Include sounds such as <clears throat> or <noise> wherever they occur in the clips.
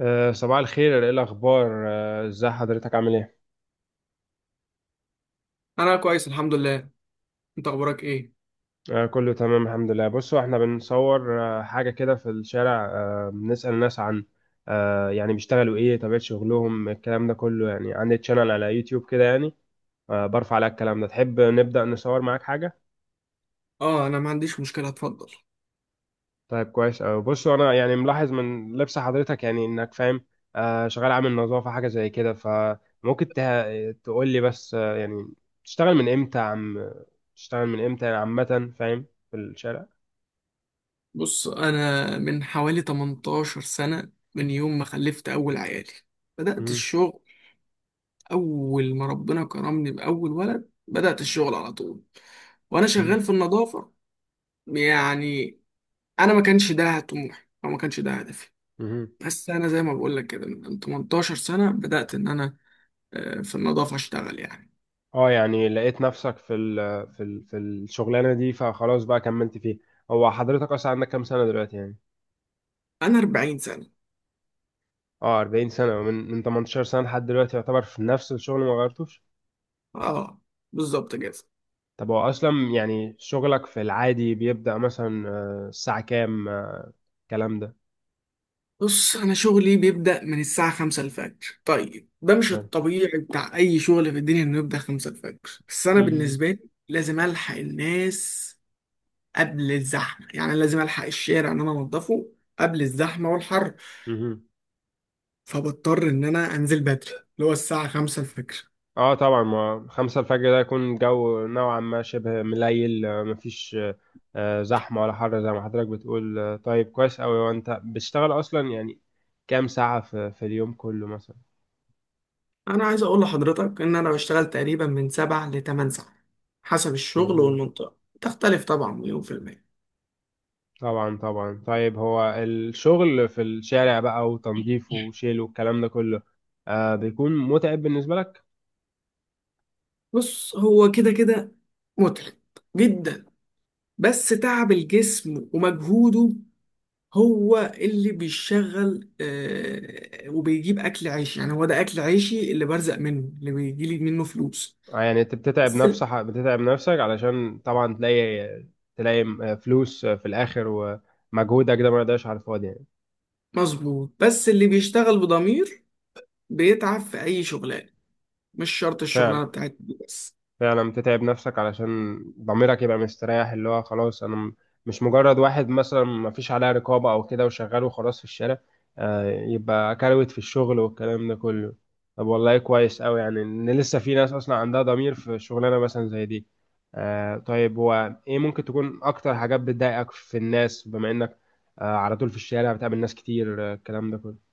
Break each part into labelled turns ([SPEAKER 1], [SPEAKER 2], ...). [SPEAKER 1] صباح الخير، ايه الاخبار؟ ازاي حضرتك؟ عامل ايه؟
[SPEAKER 2] انا كويس الحمد لله. انت اخبارك ايه؟
[SPEAKER 1] كله تمام الحمد لله. بصوا احنا بنصور حاجه كده في الشارع، بنسأل الناس عن يعني بيشتغلوا ايه، طبيعه شغلهم، الكلام ده كله. يعني عندي تشانل على يوتيوب كده يعني، برفع على الكلام ده. تحب نبدأ نصور معاك حاجه؟
[SPEAKER 2] اه، انا ما عنديش مشكله، اتفضل.
[SPEAKER 1] طيب، كويس أوي. بص انا يعني ملاحظ من لبس حضرتك، يعني انك فاهم، شغال عامل نظافة حاجة زي كده. فممكن تقول لي بس يعني تشتغل من امتى يا عم؟ تشتغل من امتى يعني، عامة فاهم، في الشارع.
[SPEAKER 2] بص، انا من حوالي 18 سنه، من يوم ما خلفت اول عيالي بدات
[SPEAKER 1] مهم.
[SPEAKER 2] الشغل. اول ما ربنا كرمني باول ولد بدات الشغل على طول، وانا
[SPEAKER 1] مهم.
[SPEAKER 2] شغال في النظافه. يعني انا ما كانش ده طموحي او ما كانش ده هدفي،
[SPEAKER 1] مهم.
[SPEAKER 2] بس انا زي ما بقول لك كده من 18 سنه بدات ان انا في النظافه اشتغل يعني.
[SPEAKER 1] اه، يعني لقيت نفسك في الشغلانة دي، فخلاص بقى كملت فيها. هو حضرتك اصلا عندك كام سنة دلوقتي يعني؟
[SPEAKER 2] انا 40 سنه،
[SPEAKER 1] اه، 40 سنة، من 18 سنة لحد دلوقتي، يعتبر في نفس الشغل ما غيرتوش.
[SPEAKER 2] اه بالظبط كده.
[SPEAKER 1] طب هو اصلا يعني شغلك في العادي بيبدأ مثلا الساعة كام الكلام ده؟
[SPEAKER 2] بص، أنا شغلي بيبدأ من الساعة خمسة الفجر. طيب ده مش
[SPEAKER 1] آه.
[SPEAKER 2] الطبيعي بتاع أي شغل في الدنيا إنه يبدأ خمسة الفجر، بس أنا
[SPEAKER 1] مهم.
[SPEAKER 2] بالنسبة لي لازم ألحق الناس قبل الزحمة، يعني لازم ألحق الشارع إن أنا أنضفه قبل الزحمة والحر.
[SPEAKER 1] مهم.
[SPEAKER 2] فبضطر إن أنا أنزل بدري اللي هو الساعة خمسة الفجر.
[SPEAKER 1] اه طبعا، ما خمسة الفجر ده يكون الجو نوعا ما شبه مليل، مفيش زحمة ولا حر زي ما حضرتك بتقول. طيب كويس أوي. وانت بتشتغل اصلا يعني كام ساعة في اليوم كله مثلا؟
[SPEAKER 2] أنا عايز أقول لحضرتك إن أنا بشتغل تقريبا من سبع لتمن ساعات، حسب الشغل
[SPEAKER 1] مهم.
[SPEAKER 2] والمنطقة تختلف طبعا مليون في المية.
[SPEAKER 1] طبعا طبعا. طيب هو الشغل في الشارع بقى وتنظيفه وشيله والكلام ده كله، بيكون متعب بالنسبة لك؟
[SPEAKER 2] بص، هو كده كده متعب جدا، بس تعب الجسم ومجهوده هو اللي بيشغل، وبيجيب اكل عيشي، يعني هو ده اكل عيشي اللي برزق منه، اللي بيجيلي منه فلوس.
[SPEAKER 1] يعني انت بتتعب
[SPEAKER 2] بس ال-
[SPEAKER 1] نفسك بتتعب نفسك علشان طبعا تلاقي تلاقي فلوس في الاخر، ومجهودك ده ما يضيعش على الفاضي يعني.
[SPEAKER 2] مظبوط، بس اللي بيشتغل بضمير بيتعب في اي شغلانه، مش شرط الشغلانه
[SPEAKER 1] فعلا
[SPEAKER 2] بتاعتي دي بس.
[SPEAKER 1] فعلا. بتتعب نفسك علشان ضميرك يبقى مستريح، اللي هو خلاص انا مش مجرد واحد مثلا ما فيش عليه رقابة او كده وشغال وخلاص في الشارع، يبقى كروت في الشغل والكلام ده كله. طب والله كويس قوي، يعني ان لسه في ناس اصلا عندها ضمير في شغلانة مثلا زي دي. طيب، هو ايه ممكن تكون اكتر حاجات بتضايقك في الناس، بما انك على طول في الشارع بتقابل ناس كتير الكلام ده كله؟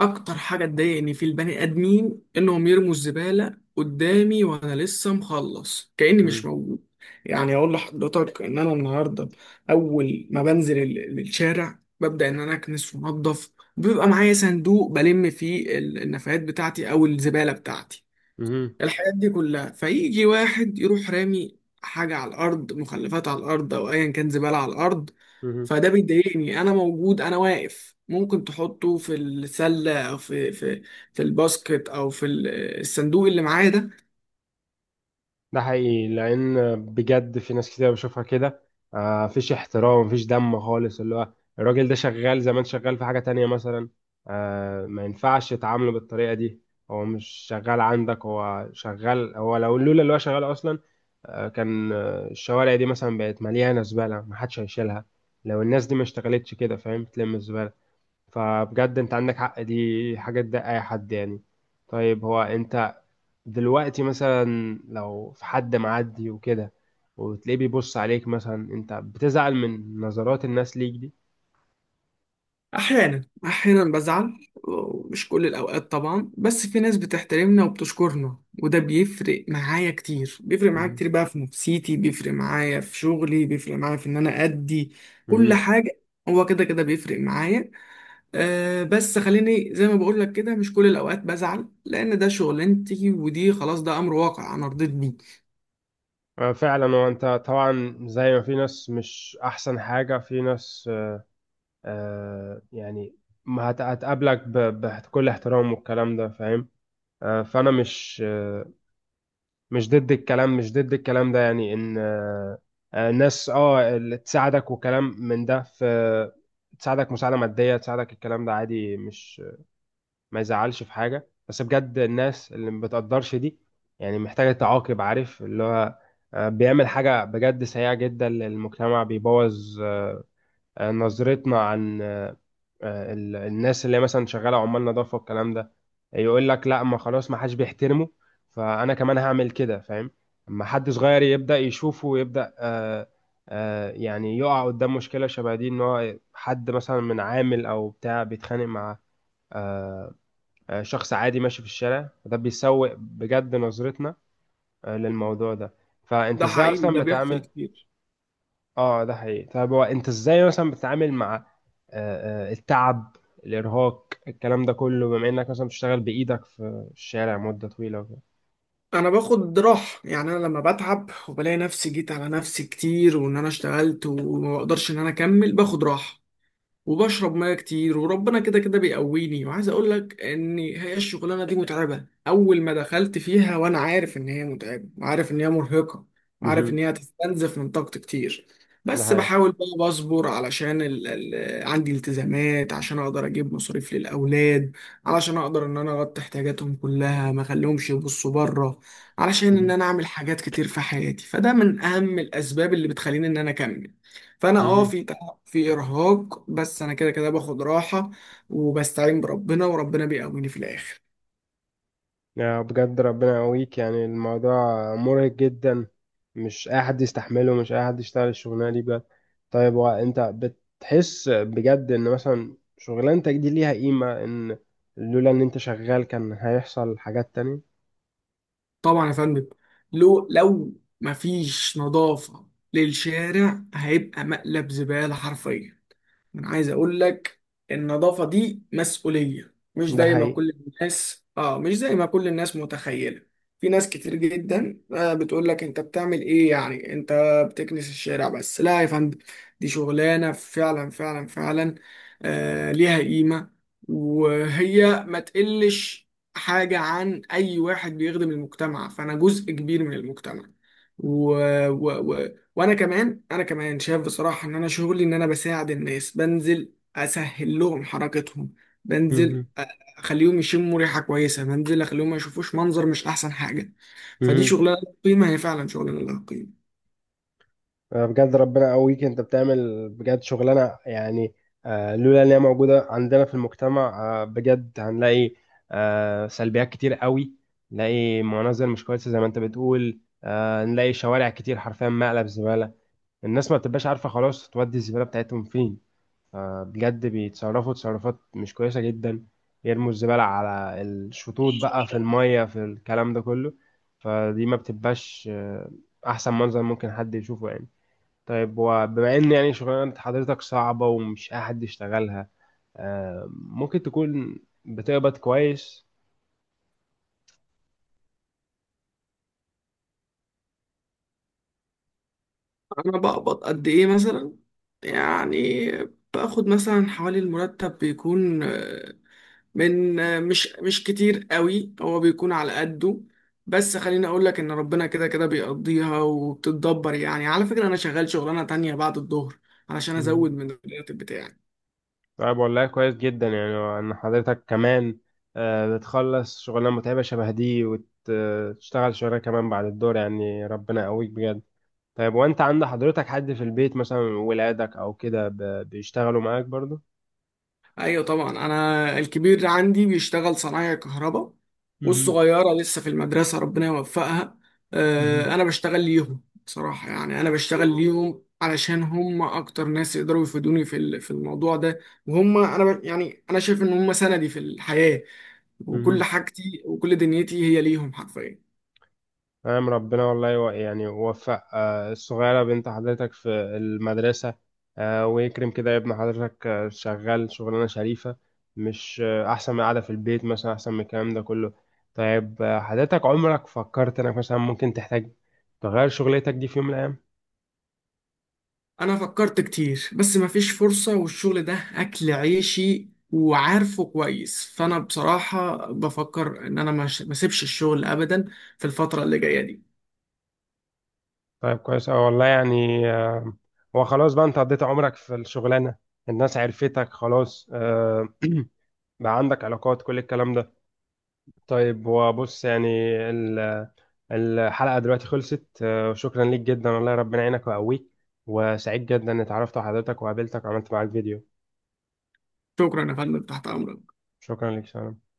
[SPEAKER 2] اكتر حاجه تضايقني في البني ادمين انهم يرموا الزباله قدامي وانا لسه مخلص، كاني مش
[SPEAKER 1] مم.
[SPEAKER 2] موجود. يعني اقول لحضرتك ان انا النهارده اول ما بنزل الشارع ببدا ان انا اكنس وانضف، بيبقى معايا صندوق بلم فيه النفايات بتاعتي او الزباله بتاعتي،
[SPEAKER 1] مهم.
[SPEAKER 2] الحاجات دي كلها. فيجي واحد يروح رامي حاجة على الأرض، مخلفات على الأرض أو أيا كان زبالة على الأرض.
[SPEAKER 1] مهم.
[SPEAKER 2] فده بيضايقني، أنا موجود أنا واقف، ممكن تحطه في السلة أو في في الباسكت أو في الصندوق اللي معايا ده.
[SPEAKER 1] ده حقيقي، لان بجد في ناس كتير بشوفها كده، مفيش احترام، مفيش دم خالص. اللي هو الراجل ده شغال زمان، شغال في حاجة تانية مثلا، ما ينفعش تعامله بالطريقة دي. هو مش شغال عندك، هو شغال، هو لولا اللي هو شغال اصلا كان الشوارع دي مثلا بقت مليانة زبالة، محدش هيشيلها. لو الناس دي ما اشتغلتش كده، فاهم، تلم الزبالة. فبجد انت عندك حق، دي حاجة تضايق اي حد يعني. طيب، هو انت دلوقتي مثلا لو في حد معدي وكده وتلاقيه بيبص عليك مثلا، انت بتزعل من نظرات الناس ليك دي؟
[SPEAKER 2] أحيانا بزعل ومش كل الأوقات طبعا، بس في ناس بتحترمنا وبتشكرنا، وده بيفرق معايا كتير، بيفرق معايا
[SPEAKER 1] مم.
[SPEAKER 2] كتير بقى في نفسيتي، بيفرق معايا في شغلي، بيفرق معايا في إن أنا أدي كل
[SPEAKER 1] مم.
[SPEAKER 2] حاجة. هو كده كده بيفرق معايا. أه، بس خليني زي ما بقول لك كده، مش كل الأوقات بزعل، لأن ده شغلانتي، ودي خلاص ده أمر واقع أنا رضيت بيه.
[SPEAKER 1] فعلا. وانت طبعا زي ما في ناس مش احسن حاجة، في ناس يعني ما هت- هتقابلك بكل احترام والكلام ده، فاهم. فانا مش ضد الكلام مش ضد الكلام ده، يعني ان ناس اللي تساعدك وكلام من ده تساعدك مساعدة مادية، تساعدك الكلام ده عادي، مش ما يزعلش في حاجة. بس بجد الناس اللي ما بتقدرش دي يعني محتاجة تعاقب، عارف، اللي هو بيعمل حاجة بجد سيئة جدا للمجتمع، بيبوظ نظرتنا عن الناس اللي هي مثلا شغاله عمال نظافه والكلام ده. يقول لك لا، ما خلاص، ما حدش بيحترمه، فانا كمان هعمل كده، فاهم. اما حد صغير يبدا يشوفه ويبدا يعني يقع قدام مشكله شبه دي، ان هو حد مثلا من عامل او بتاع بيتخانق مع آه شخص عادي ماشي في الشارع، ده بيسوء بجد نظرتنا للموضوع ده. فانت
[SPEAKER 2] ده
[SPEAKER 1] ازاي
[SPEAKER 2] حقيقي،
[SPEAKER 1] اصلا
[SPEAKER 2] ده بيحصل
[SPEAKER 1] بتعامل؟
[SPEAKER 2] كتير.
[SPEAKER 1] اه، ده حقيقي. طب هو انت ازاي مثلا بتتعامل مع التعب، الارهاق، الكلام ده كله، بما انك مثلا بتشتغل بايدك في الشارع مدة طويلة وكده؟
[SPEAKER 2] انا باخد راحه، يعني انا لما بتعب وبلاقي نفسي جيت على نفسي كتير وان انا اشتغلت وما بقدرش ان انا اكمل، باخد راحه وبشرب ميه كتير، وربنا كده كده بيقويني. وعايز اقول لك ان هي الشغلانه دي متعبه، اول ما دخلت فيها وانا عارف ان هي متعبه وعارف ان هي مرهقه وعارف ان
[SPEAKER 1] مهم.
[SPEAKER 2] هي هتستنزف من طاقتي كتير،
[SPEAKER 1] ده
[SPEAKER 2] بس
[SPEAKER 1] حقيقي.
[SPEAKER 2] بحاول بقى بصبر علشان عندي التزامات، عشان اقدر اجيب مصاريف للاولاد، علشان اقدر ان انا اغطي احتياجاتهم كلها ما اخليهمش يبصوا بره، علشان ان
[SPEAKER 1] مهم.
[SPEAKER 2] انا اعمل حاجات كتير في حياتي. فده من اهم الاسباب اللي بتخليني ان انا اكمل. فانا اه
[SPEAKER 1] مهم.
[SPEAKER 2] في في إرهاق، بس أنا كده كده باخد راحة وبستعين بربنا، وربنا بيقويني في الآخر.
[SPEAKER 1] يا بجد ربنا يقويك، يعني الموضوع مرهق جدا، مش اي حد يستحمله، مش اي حد يشتغل الشغلانه دي بجد. طيب، وانت بتحس بجد ان مثلا شغلانتك دي ليها قيمه، ان لولا ان انت شغال كان هيحصل حاجات تانية؟
[SPEAKER 2] طبعا يا فندم، لو مفيش نظافة للشارع هيبقى مقلب زبالة حرفيا. انا عايز اقول لك النظافة دي مسؤولية، مش
[SPEAKER 1] ده
[SPEAKER 2] زي ما
[SPEAKER 1] حقيقي.
[SPEAKER 2] كل الناس اه مش زي ما كل الناس متخيلة. في ناس كتير جدا بتقول لك انت بتعمل ايه يعني، انت بتكنس الشارع بس. لا يا فندم، دي شغلانة فعلا فعلا فعلا ليها قيمة، وهي ما تقلش حاجة عن اي واحد بيخدم المجتمع، فانا جزء كبير من المجتمع. وانا كمان شايف بصراحه ان انا شغلي ان انا بساعد الناس، بنزل اسهل لهم حركتهم، بنزل
[SPEAKER 1] مهم.
[SPEAKER 2] أ- اخليهم يشموا ريحه كويسه، بنزل اخليهم ما يشوفوش منظر مش احسن حاجه. فدي
[SPEAKER 1] مهم.
[SPEAKER 2] شغلانه لها قيمه، هي فعلا شغلانه لها قيمه.
[SPEAKER 1] بجد ربنا يقويك، انت بتعمل بجد شغلانه، يعني لولا ان هي موجوده عندنا في المجتمع بجد هنلاقي سلبيات كتير قوي. نلاقي مناظر مش كويسه زي ما انت بتقول، نلاقي شوارع كتير حرفيا مقلب زباله. الناس ما بتبقاش عارفه خلاص تودي الزباله بتاعتهم فين، بجد بيتصرفوا تصرفات مش كويسه جدا، يرموا الزباله على الشطوط بقى، في الميه، في الكلام ده كله. فدي ما بتبقاش احسن منظر ممكن حد يشوفه يعني. طيب، وبما ان يعني شغلانة حضرتك صعبة ومش اي حد يشتغلها، ممكن تكون بتقبض كويس؟
[SPEAKER 2] انا بقبض قد ايه مثلا يعني؟ باخد مثلا حوالي المرتب بيكون من مش كتير قوي، هو بيكون على قده. بس خليني اقول لك ان ربنا كده كده بيقضيها وبتتدبر. يعني على فكرة انا شغال شغلانة تانية بعد الظهر علشان ازود
[SPEAKER 1] مم.
[SPEAKER 2] من الراتب بتاعي.
[SPEAKER 1] طيب والله كويس جدا، يعني ان حضرتك كمان بتخلص شغلانة متعبة شبه دي وتشتغل شغلانة كمان بعد الدور، يعني ربنا يقويك بجد. طيب، وانت عند حضرتك حد في البيت مثلا، ولادك او كده، بيشتغلوا معاك برضو؟
[SPEAKER 2] ايوه طبعا، انا الكبير عندي بيشتغل صنايع كهرباء،
[SPEAKER 1] مهم.
[SPEAKER 2] والصغيره لسه في المدرسه ربنا يوفقها.
[SPEAKER 1] مهم.
[SPEAKER 2] انا بشتغل ليهم بصراحه، يعني انا بشتغل ليهم علشان هم اكتر ناس يقدروا يفيدوني في في الموضوع ده، وهم يعني انا شايف ان هم سندي في الحياه، وكل
[SPEAKER 1] مهم.
[SPEAKER 2] حاجتي وكل دنيتي هي ليهم حرفيا.
[SPEAKER 1] نعم، ربنا والله يعني وفق الصغيرة بنت حضرتك في المدرسة، ويكرم كده ابن حضرتك شغال شغلانة شريفة، مش أحسن من قاعدة في البيت مثلا، أحسن من الكلام ده كله. طيب حضرتك عمرك فكرت إنك مثلا ممكن تحتاج تغير شغلتك دي في يوم من الأيام؟
[SPEAKER 2] انا فكرت كتير بس مفيش فرصة، والشغل ده اكل عيشي وعارفه كويس، فانا بصراحة بفكر ان انا مش ما اسيبش الشغل ابدا في الفترة اللي جاية دي.
[SPEAKER 1] طيب كويس أوي والله، يعني هو خلاص بقى أنت قضيت عمرك في الشغلانة، الناس عرفتك خلاص، <clears throat> بقى عندك علاقات كل الكلام ده. طيب، وبص يعني الحلقة دلوقتي خلصت، وشكرا ليك جدا، والله ربنا يعينك ويقويك، وسعيد جدا اني اتعرفت على حضرتك وقابلتك وعملت معاك فيديو.
[SPEAKER 2] شكرا يا فندم، تحت امرك.
[SPEAKER 1] شكرا ليك، سلام.